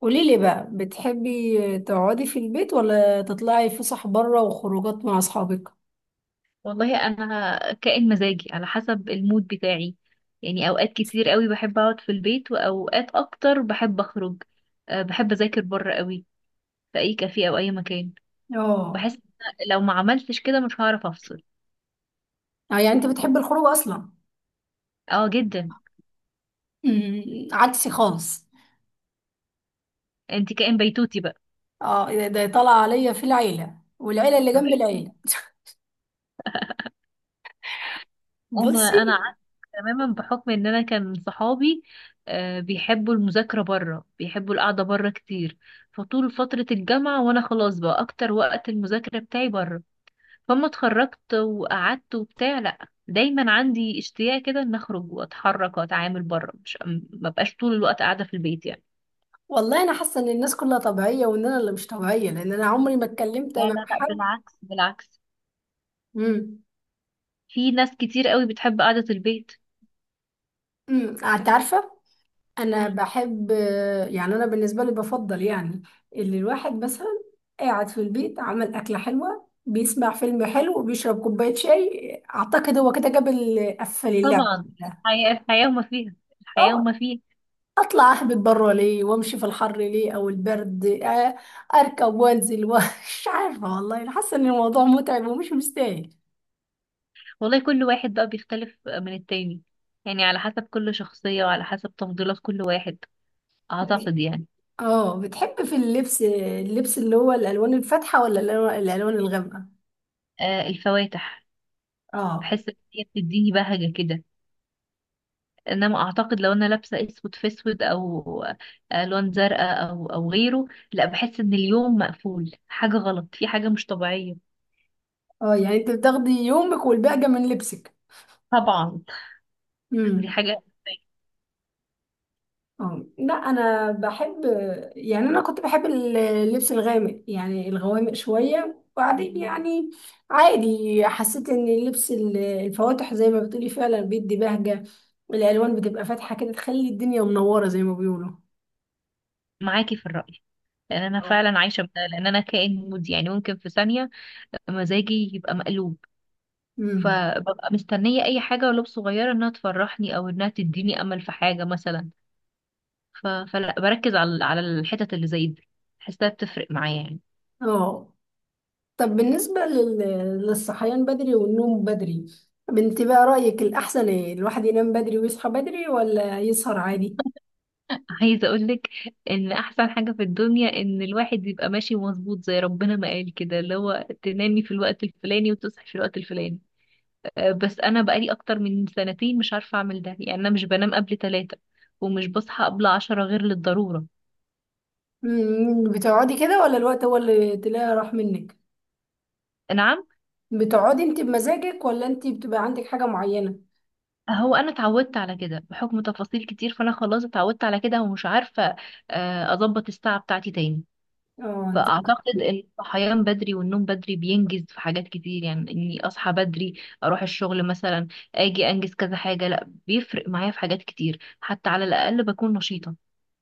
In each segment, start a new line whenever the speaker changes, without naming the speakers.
قولي لي بقى بتحبي تقعدي في البيت ولا تطلعي فسح بره وخروجات مع اصحابك؟
والله انا كائن مزاجي على حسب المود بتاعي. يعني اوقات كتير قوي بحب اقعد في البيت واوقات اكتر بحب اخرج. بحب اذاكر بره قوي في اي كافيه او اي مكان.
اه.
بحس إن أنا لو ما عملتش كده مش هعرف افصل.
آه، يعني انت بتحبي الخروج اصلا.
اه، جدا.
أمم، عكسي خالص.
انت كائن بيتوتي بقى.
اه، إيه، ده طلع عليا في العيله والعيله اللي جنب العيله. بصي،
انا عكس تماما، بحكم ان انا كان صحابي بيحبوا المذاكره بره، بيحبوا القعده بره كتير. فطول فتره الجامعه وانا خلاص بقى اكتر وقت المذاكره بتاعي بره. فما اتخرجت وقعدت وبتاع، لا، دايما عندي اشتياق كده ان اخرج واتحرك واتعامل بره. مش، ما بقاش طول الوقت قاعده في البيت يعني.
والله انا حاسه ان الناس كلها طبيعيه وان انا اللي مش طبيعيه لان انا عمري ما اتكلمت
لا
مع
لا لا،
حد.
بالعكس بالعكس.
امم
في ناس كتير قوي بتحب قعده البيت.
انت عارفه، انا
مم.
بحب، يعني انا بالنسبه لي بفضل، يعني اللي الواحد مثلا قاعد في البيت، عمل اكله حلوه، بيسمع فيلم حلو وبيشرب كوبايه شاي، اعتقد هو كده جاب قفل اللعبه
طبعا
كلها.
الحياه وما فيها، الحياه
اه،
وما فيها.
اطلع اهبط بره ليه؟ وامشي في الحر ليه او البرد؟ اركب وانزل ومش عارفه، والله أنا حاسه ان الموضوع متعب ومش مستاهل.
والله كل واحد بقى بيختلف من التاني، يعني على حسب كل شخصيه وعلى حسب تفضيلات كل واحد، اعتقد يعني.
اه، بتحب في اللبس اللي هو الالوان الفاتحه ولا الألوان الغامقه؟
آه، الفواتح.
اه
بحس ان هي بتديني بهجه كده. انما اعتقد لو انا لابسه اسود في اسود او الوان زرقاء او غيره، لا، بحس ان اليوم مقفول، حاجه غلط، في حاجه مش طبيعيه.
اه يعني انت بتاخدي يومك والباقي من لبسك.
طبعا. دي
امم.
حاجه.
اه لا، انا بحب، يعني انا كنت بحب اللبس الغامق، يعني الغوامق شويه، وبعدين يعني عادي. حسيت ان اللبس الفواتح زي ما بتقولي فعلا بيدي بهجه، الالوان بتبقى فاتحه كده تخلي الدنيا منوره زي ما بيقولوا.
معاكي في الراي، لان انا
اه.
فعلا عايشه بده، لان انا كائن مودي، يعني ممكن في ثانيه مزاجي يبقى مقلوب.
امم.
فببقى مستنيه اي حاجه ولو صغيره انها تفرحني او انها تديني امل في حاجه مثلا. فلا بركز على الحتت اللي زي دي، بحسها بتفرق معايا يعني.
اه، طب بالنسبه للصحيان بدري والنوم بدري، بنت بقى رايك الاحسن ايه؟ الواحد ينام بدري ويصحى بدري ولا يسهر عادي؟
عايزة اقولك ان احسن حاجة في الدنيا ان الواحد يبقى ماشي مظبوط، زي ربنا ما قال كده، اللي هو تنامي في الوقت الفلاني وتصحي في الوقت الفلاني. بس انا بقالي اكتر من 2 سنين مش عارفة اعمل ده، يعني انا مش بنام قبل 3 ومش بصحى قبل 10 غير للضرورة.
بتقعدي كده ولا الوقت هو اللي تلاقي راح منك؟
نعم.
بتقعدي انت بمزاجك ولا انت بتبقى عندك حاجة معينة؟
هو انا اتعودت على كده بحكم تفاصيل كتير، فانا خلاص اتعودت على كده ومش عارفة اظبط الساعة بتاعتي تاني.
اه،
فأعتقد إن الصحيان بدري والنوم بدري بينجز في حاجات كتير. يعني إني أصحى بدري، أروح الشغل مثلا، أجي أنجز كذا حاجة، لأ، بيفرق معايا في حاجات كتير، حتى على الأقل بكون نشيطة.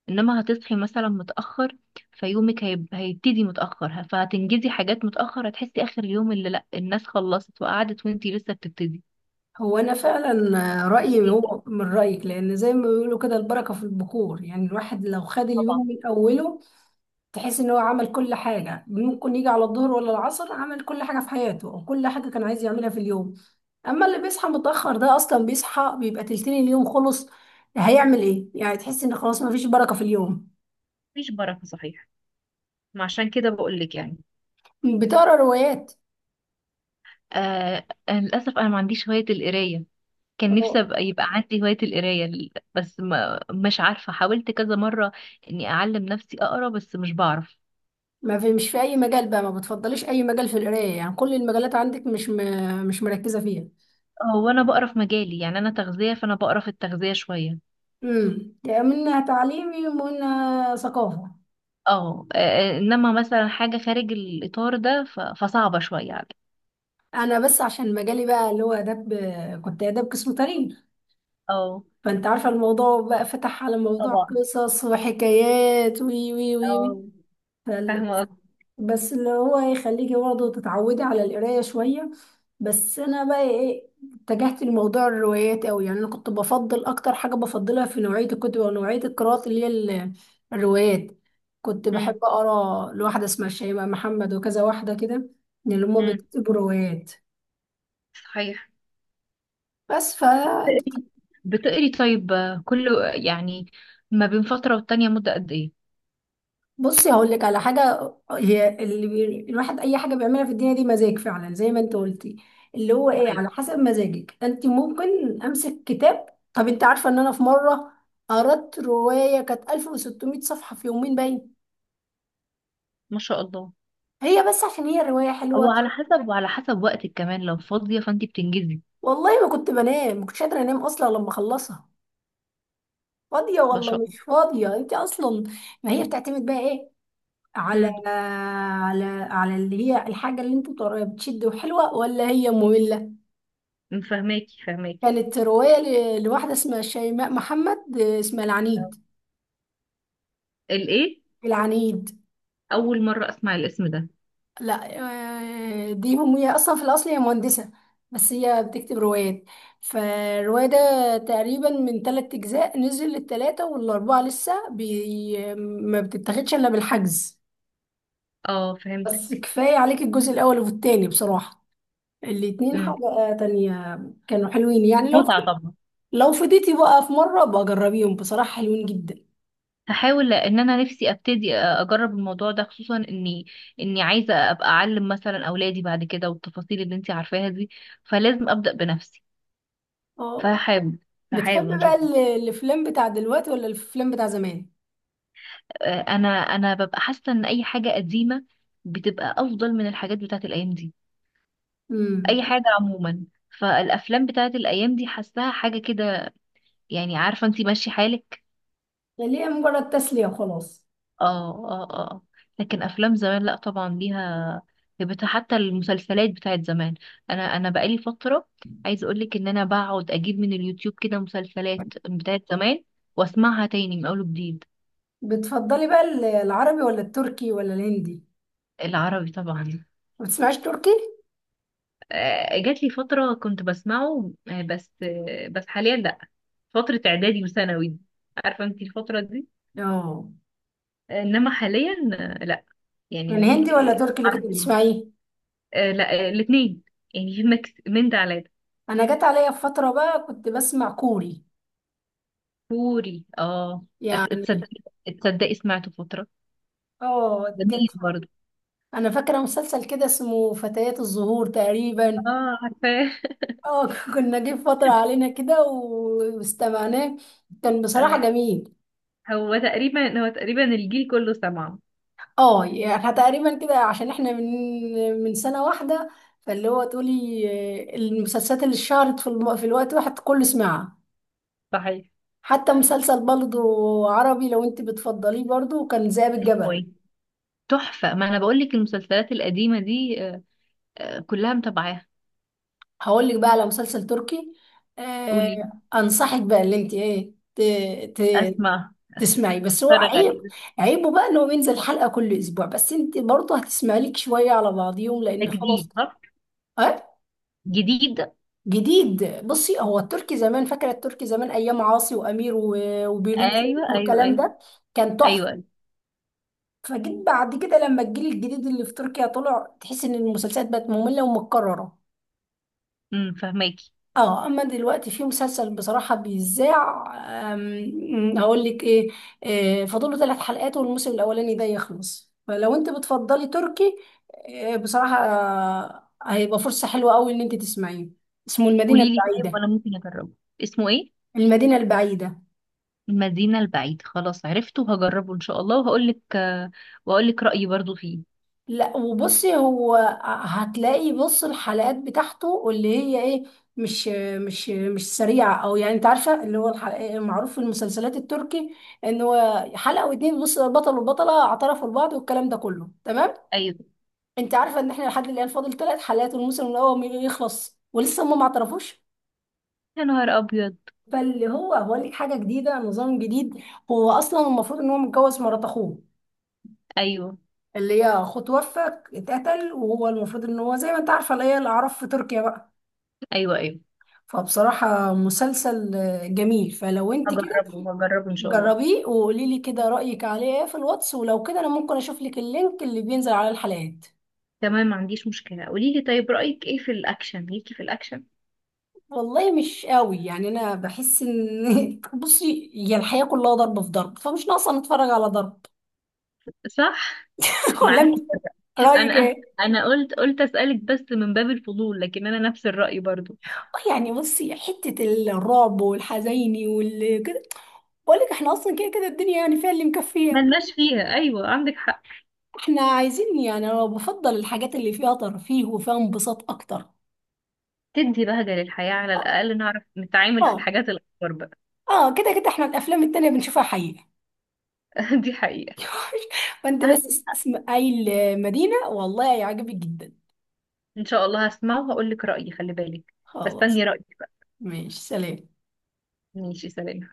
إنما هتصحي مثلا متأخر، فيومك هيبتدي متأخر، فهتنجزي حاجات متأخر، هتحسي آخر اليوم اللي لأ، الناس خلصت وقعدت وإنتي لسه بتبتدي.
هو انا فعلا رأيي
إيه ده؟
هو من رأيك، لان زي ما بيقولوا كده البركة في البخور، يعني الواحد لو خد
طبعا.
اليوم من اوله تحس ان هو عمل كل حاجة، ممكن يجي على الظهر ولا العصر عمل كل حاجة في حياته او كل حاجة كان عايز يعملها في اليوم. اما اللي بيصحى متأخر ده اصلا بيصحى بيبقى تلتين اليوم خلص، هيعمل ايه؟ يعني تحس ان خلاص ما فيش بركة في اليوم.
مفيش بركة صحيح، ما عشان كده بقولك يعني.
بتقرا روايات؟
آه، للأسف أنا ما عنديش هواية القراية. كان نفسي
اه،
ابقى يبقى عندي هواية القراية، بس ما، مش عارفة، حاولت كذا مرة اني اعلم نفسي اقرا بس مش بعرف.
ما في مش في اي مجال بقى ما بتفضليش اي مجال في القرايه؟ يعني كل المجالات عندك، مش مركزه فيها.
هو انا بقرا في مجالي، يعني انا تغذية فانا بقرا في التغذية شوية.
امم، يعني منها تعليمي ومنها ثقافه.
انما مثلا حاجة خارج الاطار ده فصعبة شوية عليا.
انا بس عشان مجالي بقى اللي هو اداب، كنت اداب قسم تاريخ،
اه.
فانت عارفه الموضوع بقى فتح على موضوع
طبعا.
قصص وحكايات، وي وي وي وي.
اه. فاهمة قصدي.
بس اللي هو يخليكي برضه تتعودي على القراية شوية. بس أنا بقى إيه، اتجهت لموضوع الروايات أوي، يعني أنا كنت بفضل أكتر حاجة بفضلها في نوعية الكتب أو نوعية القراءات اللي هي الروايات. كنت بحب
امم.
أقرأ لواحدة اسمها شيماء محمد وكذا واحدة كده من اللي هما
امم.
بيكتبوا روايات.
صحيح.
بس
بتقري بتقري طيب، كل، يعني، ما بين فترة والتانية مدة قد ايه؟
بصي، هقول لك على حاجه، هي اللي الواحد اي حاجه بيعملها في الدنيا دي مزاج فعلا زي ما انت قلتي، اللي هو ايه
صحيح.
على حسب مزاجك انت ممكن امسك كتاب. طب انت عارفه ان انا في مره قرأت روايه كانت 1600 صفحه في يومين باين،
ما شاء الله.
هي بس عشان هي روايه حلوه.
وعلى حسب وقتك كمان، لو فاضية فانتي بتنجزي.
والله ما كنت بنام، ما كنتش قادره انام اصلا لما اخلصها. فاضيه
ما
والله؟
شاء
مش
الله.
فاضيه انت اصلا. ما هي بتعتمد بقى ايه، على
امم،
على اللي هي الحاجه اللي انت بتقراها بتشد وحلوه ولا هي ممله.
فهماكي.
كانت رواية لواحدة اسمها شيماء محمد، اسمها العنيد.
الايه؟
العنيد.
اول مره اسمع الاسم ده.
لا، دي هم هي أصلا في الأصل هي مهندسة بس هي بتكتب روايات. فالرواية ده تقريبا من 3 أجزاء، نزل التلاتة والأربعة لسه بي، ما بتتاخدش إلا بالحجز.
اه،
بس
فهمتك.
كفاية عليك الجزء الأول والتاني بصراحة، الاتنين
امم.
حاجة تانية. كانوا حلوين، يعني لو
متعة طبعا.
فضيتي بقى في مرة بجربيهم، بصراحة حلوين جدا.
هحاول ان انا نفسي ابتدي اجرب الموضوع ده، خصوصا اني عايزة ابقى اعلم مثلا اولادي بعد كده، والتفاصيل اللي انتي عارفاها دي، فلازم ابدأ بنفسي.
اه،
فهحاول.
بتحب
هحاول ان شاء
بقى
الله.
الافلام بتاع دلوقتي ولا الافلام بتاع زمان؟
انا ببقى حاسة ان اي حاجة قديمة بتبقى افضل من الحاجات بتاعت الايام دي، اي
امم،
حاجه عموما. فالافلام بتاعت الايام دي حاساها حاجه كده، يعني، عارفه انتي، ماشي حالك.
اللي هي مجرد تسلية وخلاص.
اه اه اه. لكن افلام زمان، لا، طبعا ليها هيبتها. حتى المسلسلات بتاعت زمان، انا بقالي فتره عايزه اقولك ان انا بقعد اجيب من اليوتيوب كده مسلسلات بتاعت زمان واسمعها تاني من اول وجديد.
بتفضلي بقى العربي ولا التركي ولا الهندي؟
العربي طبعا.
ما بتسمعيش تركي؟
آه، جات لي فتره كنت بسمعه، بس حاليا لا. فتره اعدادي وثانوي، عارفه انتي الفتره دي.
اه،
انما حاليا، لا،
يعني
يعني،
هندي ولا تركي
آه،
اللي كنت
عربي.
بتسمعيه؟
آه، لا، آه، الاثنين، يعني في ميكس من ده على ده.
انا جت عليا في فترة بقى كنت بسمع كوري،
كوري، اه. أس-
يعني.
تصدقي تصدقي سمعته فترة،
اه،
جميل
جت.
برضه.
انا فاكرة مسلسل كده اسمه فتيات الزهور تقريبا.
اه، عارفاه.
اه كنا جه فترة علينا كده واستمعناه، كان
آه.
بصراحة جميل.
هو تقريبا الجيل كله سمعه.
اه، يعني احنا تقريبا كده عشان احنا من سنة واحدة، فاللي هو تقولي آه، المسلسلات اللي اتشهرت في في الوقت واحد كله سمعها.
صحيح.
حتى مسلسل برضه عربي لو انت بتفضليه برضه كان ذئاب
هو
الجبل.
إيه؟ تحفة. ما انا بقول لك المسلسلات القديمة دي، كلها متابعاها.
هقول لك بقى على مسلسل تركي.
قولي.
آه انصحك بقى اللي انت ايه ت...
اسمع.
تسمعي، بس هو
اتفرج عليه
عيب.
ده.
عيبه بقى ان هو بينزل حلقة كل اسبوع، بس انت برضه هتسمعي لك شوية على بعضيهم لان خلاص.
جديد صح؟
اه
جديد.
جديد. بصي، هو التركي زمان، فاكره التركي زمان ايام عاصي وامير وبيرين
ايوه
سيف
ايوه
والكلام
ايوه.
ده، كان تحفه.
ايوه، أيوة.
فجيت بعد كده لما الجيل الجديد اللي في تركيا طلع تحس ان المسلسلات بقت ممله ومتكرره.
امم، فهماكي.
اه، اما دلوقتي في مسلسل بصراحه بيذاع، هقول لك ايه، فاضله 3 حلقات والموسم الاولاني ده يخلص، فلو انت بتفضلي تركي، بصراحه هيبقى فرصه حلوه قوي ان انت تسمعيه. اسمه المدينه
قولي لي، طيب
البعيده.
وانا ممكن اجربه، اسمه ايه؟
المدينه البعيده.
المدينة البعيدة، خلاص عرفته، هجربه ان شاء الله وهقول لك رأيي برضو فيه.
لا وبصي، هو هتلاقي، بص، الحلقات بتاعته اللي هي ايه، مش مش سريعة، او يعني انت عارفة اللي هو الحلقة معروف في المسلسلات التركي ان هو حلقة واتنين بص البطل والبطلة اعترفوا لبعض والكلام ده كله، تمام.
ايوه.
انت عارفة ان احنا لحد الان فاضل 3 حلقات والموسم الاول يخلص ولسه هم ما اعترفوش.
يا نهار ابيض.
فاللي هو هو ليه حاجة جديدة، نظام جديد. هو اصلا المفروض ان هو متجوز مرات اخوه،
ايوه
اللي هي اخوه توفى، اتقتل، وهو المفروض ان هو زي ما انت عارفه اللي هي الاعراف في تركيا بقى.
ايوه ايوه.
فبصراحة مسلسل جميل، فلو انت كده
هجربه هجربه ان شاء الله.
جربيه وقولي لي كده رأيك عليه ايه في الواتس، ولو كده انا ممكن اشوف لك اللينك اللي بينزل على الحلقات.
تمام، ما عنديش مشكلة. قولي لي، طيب رأيك ايه في الاكشن؟ ليكي في الاكشن.
والله مش قوي، يعني انا بحس ان بصي، هي الحياة كلها ضرب في ضرب، فمش ناقصة نتفرج على ضرب.
صح.
ولا انت
معاكي.
رأيك
انا
ايه؟
انا قلت اسألك بس من باب الفضول، لكن انا نفس الرأي برضو.
اه، يعني بصي، حتة الرعب والحزيني والكده، بقول لك احنا اصلا كده كده الدنيا يعني فيها اللي مكفيه.
ملناش فيها، ايوه عندك حق.
احنا عايزين، يعني انا بفضل الحاجات اللي فيها ترفيه وفيها انبساط اكتر.
تدي بهجة للحياة، على الاقل نعرف نتعامل في
اه.
الحاجات الاكبر بقى.
اه، كده كده احنا الافلام التانية بنشوفها حقيقة.
دي حقيقة.
فانت
عندك.
بس اسم اي المدينة، والله هيعجبك جدا.
ان شاء الله هسمعه وهقول لك رأيي، خلي بالك.
خلاص،
فاستني رأيك بقى.
ماشي سلام.
ماشي، سلام.